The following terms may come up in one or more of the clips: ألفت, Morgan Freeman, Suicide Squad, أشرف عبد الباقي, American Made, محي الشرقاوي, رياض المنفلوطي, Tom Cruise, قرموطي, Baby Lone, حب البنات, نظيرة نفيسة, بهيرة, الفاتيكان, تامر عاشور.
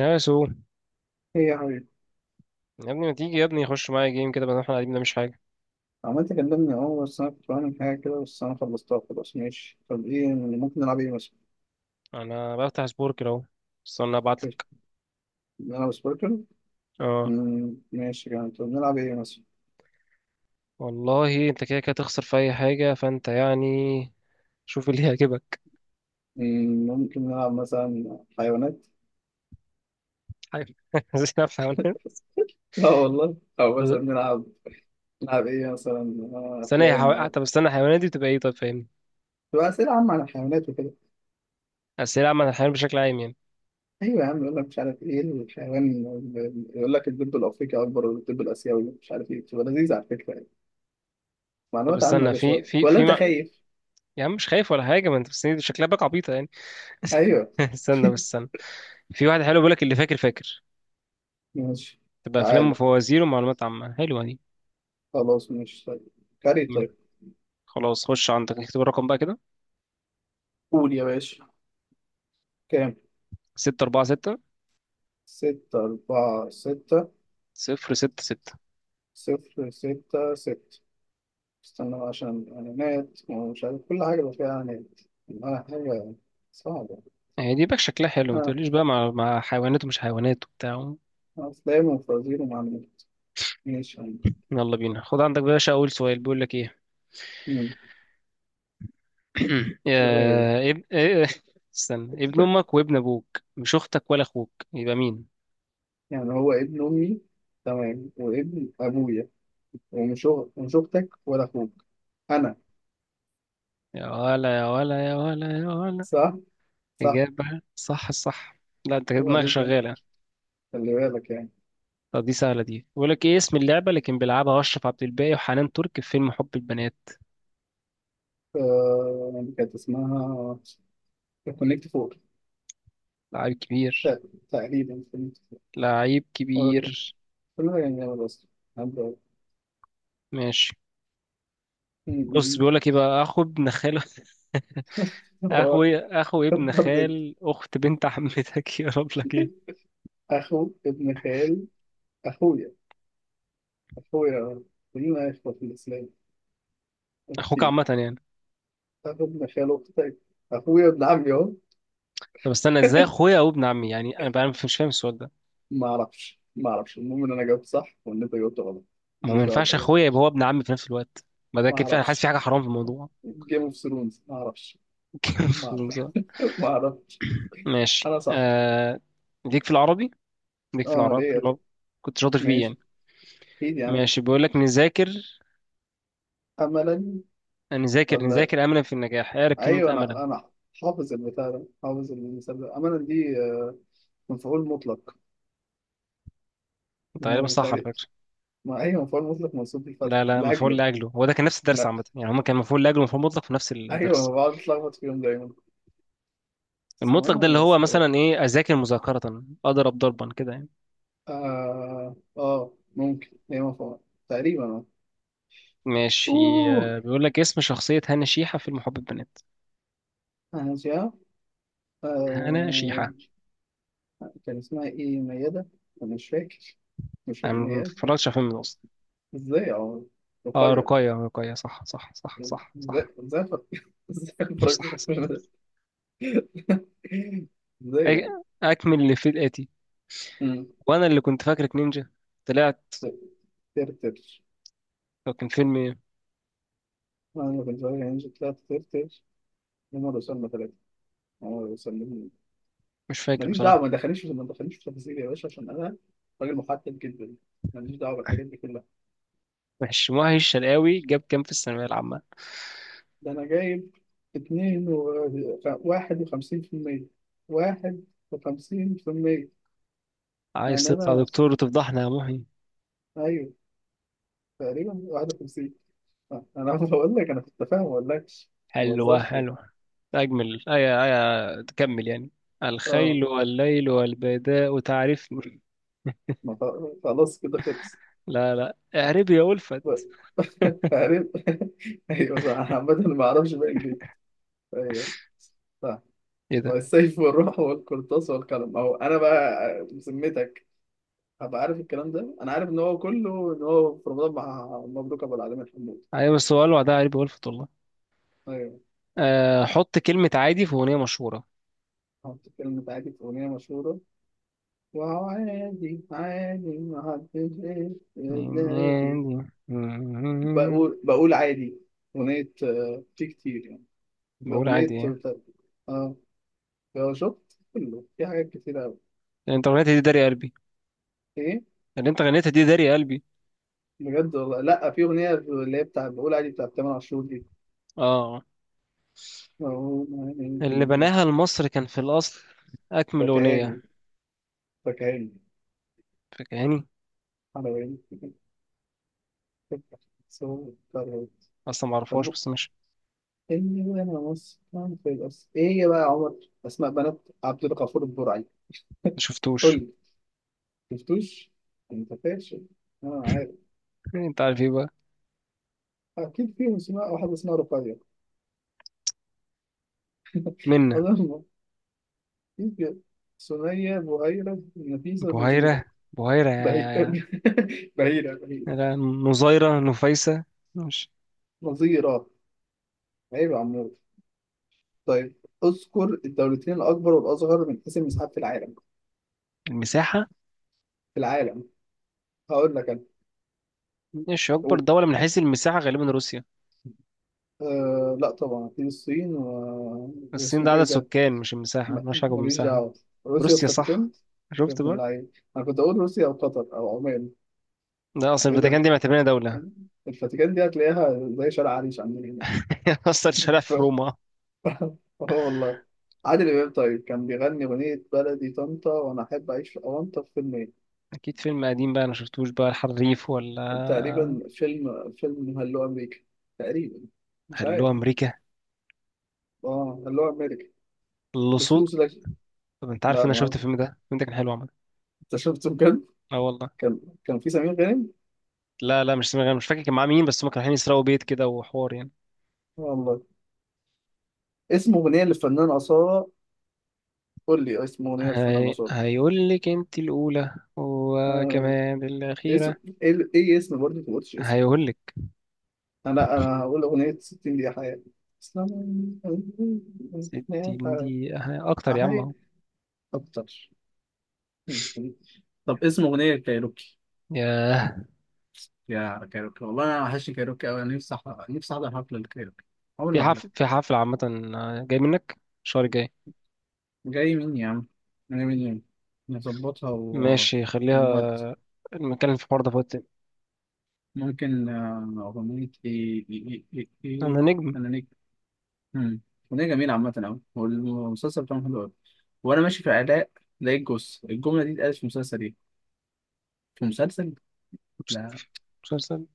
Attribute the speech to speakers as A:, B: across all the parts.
A: يا سو،
B: ايه يا حبيبي؟
A: يا ابني ما تيجي؟ يا ابني خش معايا جيم كده بدل ما احنا قاعدين مش حاجه.
B: عملت كلمني، بس انا كنت بعمل حاجة كده بس انا خلصتها خلاص. ماشي، طب ايه يعني، ممكن نلعب ايه مثلا؟
A: انا بفتح سبور كده اهو. استنى
B: طيب،
A: ابعتلك.
B: نلعب سبوركل؟
A: اه
B: ماشي يعني، طب نلعب ايه مثلا؟
A: والله انت كده كده تخسر في اي حاجه فانت يعني. شوف اللي هيعجبك.
B: ممكن نلعب مثلا حيوانات؟
A: حاجه اسئله في حيوانات.
B: لا والله، او مثلا
A: طب
B: نلعب ايه مثلا،
A: استنى يا
B: افلام
A: حيوان،
B: او
A: طب استنى الحيوانات دي بتبقى ايه؟ طيب فاهمني،
B: تبقى اسئلة عامة عن الحيوانات وكده.
A: اسئله عامه عن الحيوان بشكل عام يعني.
B: ايوه يا عم، يقول لك مش عارف ايه الحيوان، يقول لك الدب الافريقي اكبر ولا الدب الاسيوي، مش عارف ايه، بتبقى لذيذة على فكرة يعني،
A: طب
B: معلومات عامة يا
A: استنى، في
B: باشا،
A: في
B: ولا
A: في
B: انت
A: ما...
B: خايف؟
A: يا عم مش خايف ولا حاجه، ما انت بس دي شكلها باك عبيطه يعني.
B: ايوه.
A: استنى بس استنى. في واحد حلو بيقول لك اللي فاكر فاكر.
B: ماشي.
A: تبقى افلام
B: تعال،
A: وفوازير ومعلومات عامه حلوه دي.
B: خلاص ماشي طيب، كاري طيب.
A: خلاص خش عندك اكتب الرقم بقى كده:
B: قول يا باشا، كام؟
A: ستة أربعة ستة
B: ستة أربعة ستة.
A: صفر ستة ستة
B: صفر ستة ستة. استنى بقى عشان إعلانات ومش عارف، كل حاجة بقى فيها إعلانات، والله حاجة صعبة.
A: هي دي باك شكلها حلو، ما
B: آه،
A: تقوليش بقى مع حيوانات ومش حيوانات وبتاع.
B: أفلام وفوازير ومعلومات. ماشي يا عم.
A: يلا بينا، خد عندك بقى يا باشا. أول سؤال بيقول لك إيه؟
B: مم. أيوه،
A: إيه. استنى، ابن أمك وابن أبوك مش أختك ولا أخوك يبقى مين؟
B: يعني هو ابن أمي، تمام، وابن أبويا، ومش أختك ولا أخوك، أنا.
A: يا ولا يا ولا يا ولا يا ولا!
B: صح. صح.
A: إجابة صح الصح. لا أنت كده
B: هو
A: دماغك
B: ده كان.
A: شغالة.
B: خلي بالك يعني.
A: طب دي سهلة، دي بيقول لك إيه اسم اللعبة اللي كان بيلعبها أشرف عبد الباقي وحنان ترك في فيلم حب البنات؟
B: آه، كانت اسمها كونكت فور.
A: لعيب كبير،
B: ت- تقريبا فهمت.
A: لعيب
B: اقول لك،
A: كبير.
B: كله يعني، انا بس، عبد
A: ماشي. بص،
B: الله.
A: بيقول لك ايه بقى: اخو ابن خال
B: هو
A: اخوي، اخو ابن
B: برضه
A: خال اخت بنت عمتك يا رب لك ايه.
B: اخو ابن خال، اخويا اخويا، كلنا اخوه في الاسلام،
A: اخوك
B: اكيد.
A: عامة يعني.
B: اخو ابن خال اختك، اخويا ابن عمي اهو.
A: طب استنى، ازاي اخويا او ابن عمي؟ يعني انا بقى مش فاهم السؤال ده.
B: ما اعرفش، ما اعرفش، المهم ان انا جاوبت صح وان انت جاوبت غلط.
A: ما هو ما
B: ماليش دعوه
A: ينفعش
B: باي حاجه.
A: اخويا يبقى هو ابن عمي في نفس الوقت. ما ده
B: ما
A: كده انا حاسس في
B: اعرفش.
A: حاجة حرام في الموضوع.
B: جيم اوف ثرونز. ما اعرفش. ما اعرفش. ما اعرفش.
A: ماشي.
B: انا صح.
A: ليك في العربي، ليك في
B: اه،
A: العربي
B: ليه
A: في
B: يا طب؟
A: العربي. كنت شاطر فيه
B: ماشي.
A: يعني.
B: اكيد يعني.
A: ماشي بيقول لك: نذاكر
B: املا
A: نذاكر
B: ولا،
A: نذاكر املا في النجاح. اعرف كلمة
B: ايوه،
A: املا.
B: انا حافظ البتاع ده، حافظ المثال ده، امانه دي، مفعول مطلق.
A: طيب، تقريبا
B: مم،
A: صح على
B: تقريبا.
A: فكرة.
B: ما ايوه، مفعول مطلق منصوب
A: لا
B: بالفتح
A: لا، مفعول
B: لاجله.
A: لاجله هو ده كان، نفس الدرس
B: لا،
A: عامه يعني، هما كان مفعول لاجله ومفعول مطلق في نفس
B: ايوه، انا
A: الدرس.
B: بقعد اتلخبط فيهم دايما، بس
A: المطلق
B: امانه
A: ده اللي
B: انا
A: هو
B: بس
A: مثلا ايه؟ اذاكر مذاكره، اضرب ضربا، كده يعني.
B: ممكن هي مفعول، تقريبا
A: ماشي.
B: اوه.
A: بيقول لك اسم شخصيه هنا شيحه في المحب البنات.
B: انا جا
A: هنا
B: آه
A: شيحه.
B: كان اسمها ايه، ميادة؟ انا مش فاكر مش
A: انا
B: فاكر
A: ما
B: ميادة كان.
A: اتفرجتش على فيلم ده اصلا.
B: ازاي يا عمر؟
A: اه
B: رقية.
A: رقيه، رقيه، صح صح صح صح.
B: ازاي؟
A: صح،
B: ازاي؟ ازاي؟ ازاي
A: صح.
B: الفراكشن؟
A: صح.
B: ازاي يعني؟
A: اكمل اللي في الاتي.
B: مم.
A: وانا اللي كنت فاكرك نينجا طلعت.
B: ترتر.
A: هو كان فيلم إيه؟
B: انا كنت صغير يعني، طلعت ترتر. هم وصلنا ثلاثة، هم وصلنا.
A: مش فاكر
B: ماليش
A: بصراحه.
B: دعوة. ما دخلنيش، ما دخلنيش في تفاصيل يا باشا، عشان انا راجل محدد جدا. ماليش دعوة بالحاجات دي كلها.
A: ماشي. محي الشرقاوي جاب كام في الثانويه العامه؟
B: ده انا جايب اتنين و... واحد وخمسين في المية واحد وخمسين في المية.
A: عايز
B: يعني
A: تطلع
B: انا،
A: دكتور وتفضحنا يا محي.
B: ايوه، تقريبا واحد وخمسين. انا بقول لك، انا كنت فاهم، ما اقولكش. ما
A: حلوة
B: بهزرش.
A: حلوة. أجمل أي، أي تكمل يعني.
B: اه.
A: الخيل والليل والبيداء تعرفني.
B: ما خ- خلاص كده، خلص.
A: لا لا، اعربي يا ألفت.
B: عارف. ايوه صح، انا عامة ما اعرفش باقي البيت. ايوه. صح.
A: إيه ده.
B: والسيف والروح والقرطاس والقلم اهو. انا بقى بذمتك، هبقى عارف الكلام ده؟ انا عارف ان هو كله، ان هو في رمضان مع مبروك ابو العالمين حمود.
A: أيوة بس هو قالوا ده اعربي يا ألفت والله.
B: ايوه.
A: أه، حط كلمة عادي في أغنية مشهورة.
B: حط كلمة عادي في أغنية مشهورة. وهو عادي، عادي، محدش، عادي، بقول عادي. أغنية، في كتير يعني.
A: بقول عادي
B: أغنية،
A: يعني.
B: اه شفت كله في حاجات كتيرة أوي.
A: اللي أنت غنيتها دي داري قلبي،
B: ايه؟
A: اللي أنت غنيتها دي داري قلبي.
B: بجد والله، لا، في اغنيه اللي هي بتاع بقول عادي بتاع تامر عاشور دي.
A: آه.
B: أقول
A: اللي
B: عادي،
A: بناها لمصر كان في الأصل. أكمل أغنية.
B: فكهاني، فكهاني.
A: فاكراني.
B: على وين؟ صوت طرب.
A: أصلا معرفهاش
B: طب
A: بس مش.
B: اني، وانا مسكن في الأس، ايه يا بقى يا عمر؟ اسماء بنات عبد الغفور البرعي. قول
A: مشفتوش.
B: لي. شفتوش؟ انت فاشل. انا عارف
A: أنت عارف إيه بقى؟
B: اكيد فيهم اسماء، واحده اسمها رقية
A: منا.
B: اظن، اكيد فيهم. سنية، بهيرة، نفيسة، نظيرة.
A: بهيرة، بهيرة
B: بهي... بهيرة.
A: يا- نظيرة نفيسة. مش
B: نظيرة. عيب يا عمور. طيب، اذكر الدولتين الأكبر والأصغر من حيث المساحات في العالم.
A: المساحة.
B: في العالم. هقول لك أنا.
A: مش أكبر
B: قول.
A: دولة من حيث المساحة غالبا روسيا؟
B: آه، لا، طبعا أكيد الصين
A: الصين
B: واسمه
A: ده عدد
B: إيه ده؟
A: سكان مش المساحة، مالهاش علاقة
B: ماليش
A: بالمساحة.
B: دعوة. روسيا
A: روسيا
B: والفاتيكان.
A: صح.
B: يا
A: شفت
B: ابن
A: بقى.
B: اللعيب، أنا كنت أقول روسيا أو قطر أو عمان.
A: ده أصل
B: إيه ده؟
A: الفاتيكان دي معتبرينها دولة.
B: الفاتيكان دي هتلاقيها زي شارع عريش عندنا هنا.
A: أصلا شارع في
B: ف-
A: روما.
B: آه والله. عادل إمام طيب كان بيغني أغنية بلدي طنطا وأنا أحب أعيش في أونطا في فيلم،
A: أكيد فيلم قديم بقى، أنا شفتوش بقى الحريف ولا؟
B: تقريبا فيلم هلو امريكا، تقريبا، مش عارف.
A: هلو أمريكا.
B: اه هلو امريكا.
A: اللصوص.
B: لصوص لك.
A: طب أنت عارف
B: لا،
A: إن أنا
B: ما
A: شفت
B: أعرف.
A: الفيلم ده كان حلو عامة.
B: انت شفته بجد؟
A: اه والله.
B: كان في سمير غانم
A: لا لا، مش سامع، مش فاكر كان معاه مين، بس هما كانوا رايحين يسرقوا بيت كده وحوار يعني.
B: والله. اسم اغنيه للفنان اصاله. قول لي اسم اغنيه للفنان اصاله.
A: هيقول لك انت الاولى
B: آه.
A: وكمان
B: اسم
A: الاخيره.
B: ايه إيه؟ اسم برضه، ما قلتش اسم.
A: هيقول لك
B: انا هقول اغنيه 60 دقيقه حياه، اسلام عليكم، يا
A: 60
B: حياة.
A: دقيقه اكتر يا عم
B: أحيي
A: اهو.
B: أكتر. طب اسم أغنية كايروكي.
A: ياه.
B: يا كايروكي، والله انا وحشني كايروكي قوي، انا نفسي احضر حفله الكايروكي، عمري
A: في
B: ما احضر.
A: حفل في حفله عامه. جاي منك، الشهر الجاي.
B: جاي مني يا عم، جاي مني. نظبطها و...
A: ماشي
B: من وقت.
A: خليها، نتكلم في الحوار ده في وقت تاني.
B: ممكن اغنيه ايه ايه ايه ايه
A: انا
B: إيه.
A: نجم.
B: انا نيك. مم. اغنيه جميله عامه قوي، والمسلسل بتاعهم حلو قوي. وانا ماشي في علاء لقيت جوز الجمله دي، اتقالت في مسلسل ايه؟ في مسلسل،
A: مس-
B: لا.
A: مسلسل.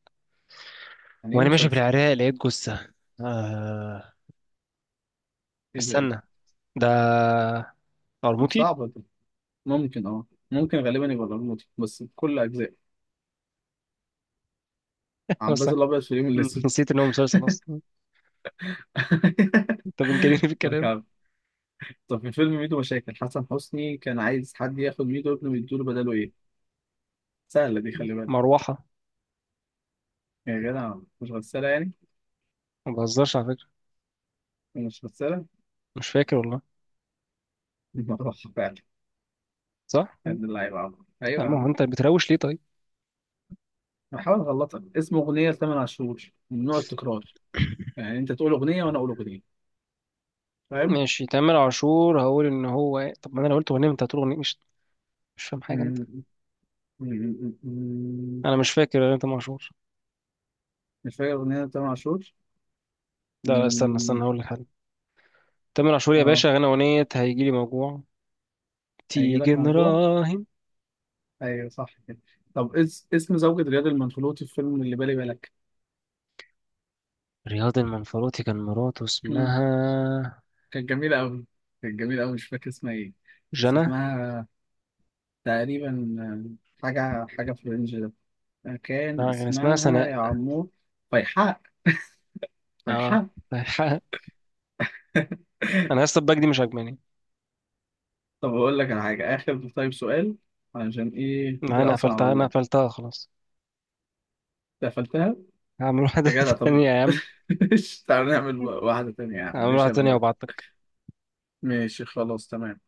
B: يعني ايه
A: وانا ماشي في
B: مسلسل؟
A: العراق لقيت جثه. آه...
B: ايه ده؟ ايه
A: استنى، ده
B: ده؟
A: قرموطي.
B: صعبه دي. ممكن، اه، ممكن غالبا يبقى الأرموطي بس بكل اجزاء. عباس
A: اصلا
B: الابيض في اليوم اللي
A: نسيت ان هو مسلسل اصلا. انت بتجنني في
B: لك
A: الكلام.
B: عم. طب في فيلم ميدو مشاكل، حسن حسني كان عايز حد ياخد ميدو ابنه ويديله بداله ايه؟ سهلة دي، خلي بالك.
A: مروحه.
B: يا جدع، مش غسالة يعني؟
A: ما بهزرش على فكره.
B: مش غسالة؟
A: مش فاكر والله.
B: دي مروحة فعلا.
A: صح
B: يا
A: أيوة.
B: ابن اللعيبة يا عم. ايوه يا
A: ما هو
B: عم،
A: انت بتروش ليه طيب؟
B: بحاول اغلطك. اسمه اغنية لتامر عاشور من نوع التكرار، يعني انت تقول اغنية وانا اقول اغنية. فاهم؟
A: ماشي تامر عاشور هقول ان هو إيه؟ طب ما انا لو قلت اغنيه انت هتقول اغنيه، مش فاهم حاجه انت.
B: م- م- م- م-
A: انا مش فاكر اغنيه تامر عاشور.
B: مش فاكر اغنية لتامر عاشور؟
A: لا لا، استنى
B: م-
A: استنى، هقول لك حاجه. تامر عاشور يا
B: اه
A: باشا غنى اغنيه هيجيلي موجوع.
B: هيجي لك
A: تيجي
B: موضوع.
A: نراهن.
B: ايوه صح كده. طب اسم زوجة رياض المنفلوطي في فيلم اللي بالي بالك.
A: رياض المنفلوطي كان مراته
B: مم.
A: اسمها
B: كانت جميلة أوي كانت جميلة أوي، مش فاكر اسمها ايه. بس
A: جنى.
B: اسمها تقريبا، حاجة حاجة في الرينج ده، كان
A: لا كان اسمها
B: اسمها
A: سناء.
B: يا عمور، فيحاء.
A: اه.
B: فيحاء.
A: انا لسه الباك دي مش عاجباني.
B: طب أقول لك على حاجة آخر، طيب سؤال. علشان ايه
A: انا
B: ده أصلا، على
A: قفلتها انا
B: الله.
A: قفلتها خلاص.
B: قفلتها.
A: هعمل واحده
B: يا جدع، طب.
A: تانية يا عم.
B: مش تعالى نعمل واحدة تانية يا عم؟
A: هعمل
B: مش
A: واحده
B: أنا
A: تانية
B: موافق.
A: وابعتلك.
B: ماشي، خلاص، تمام.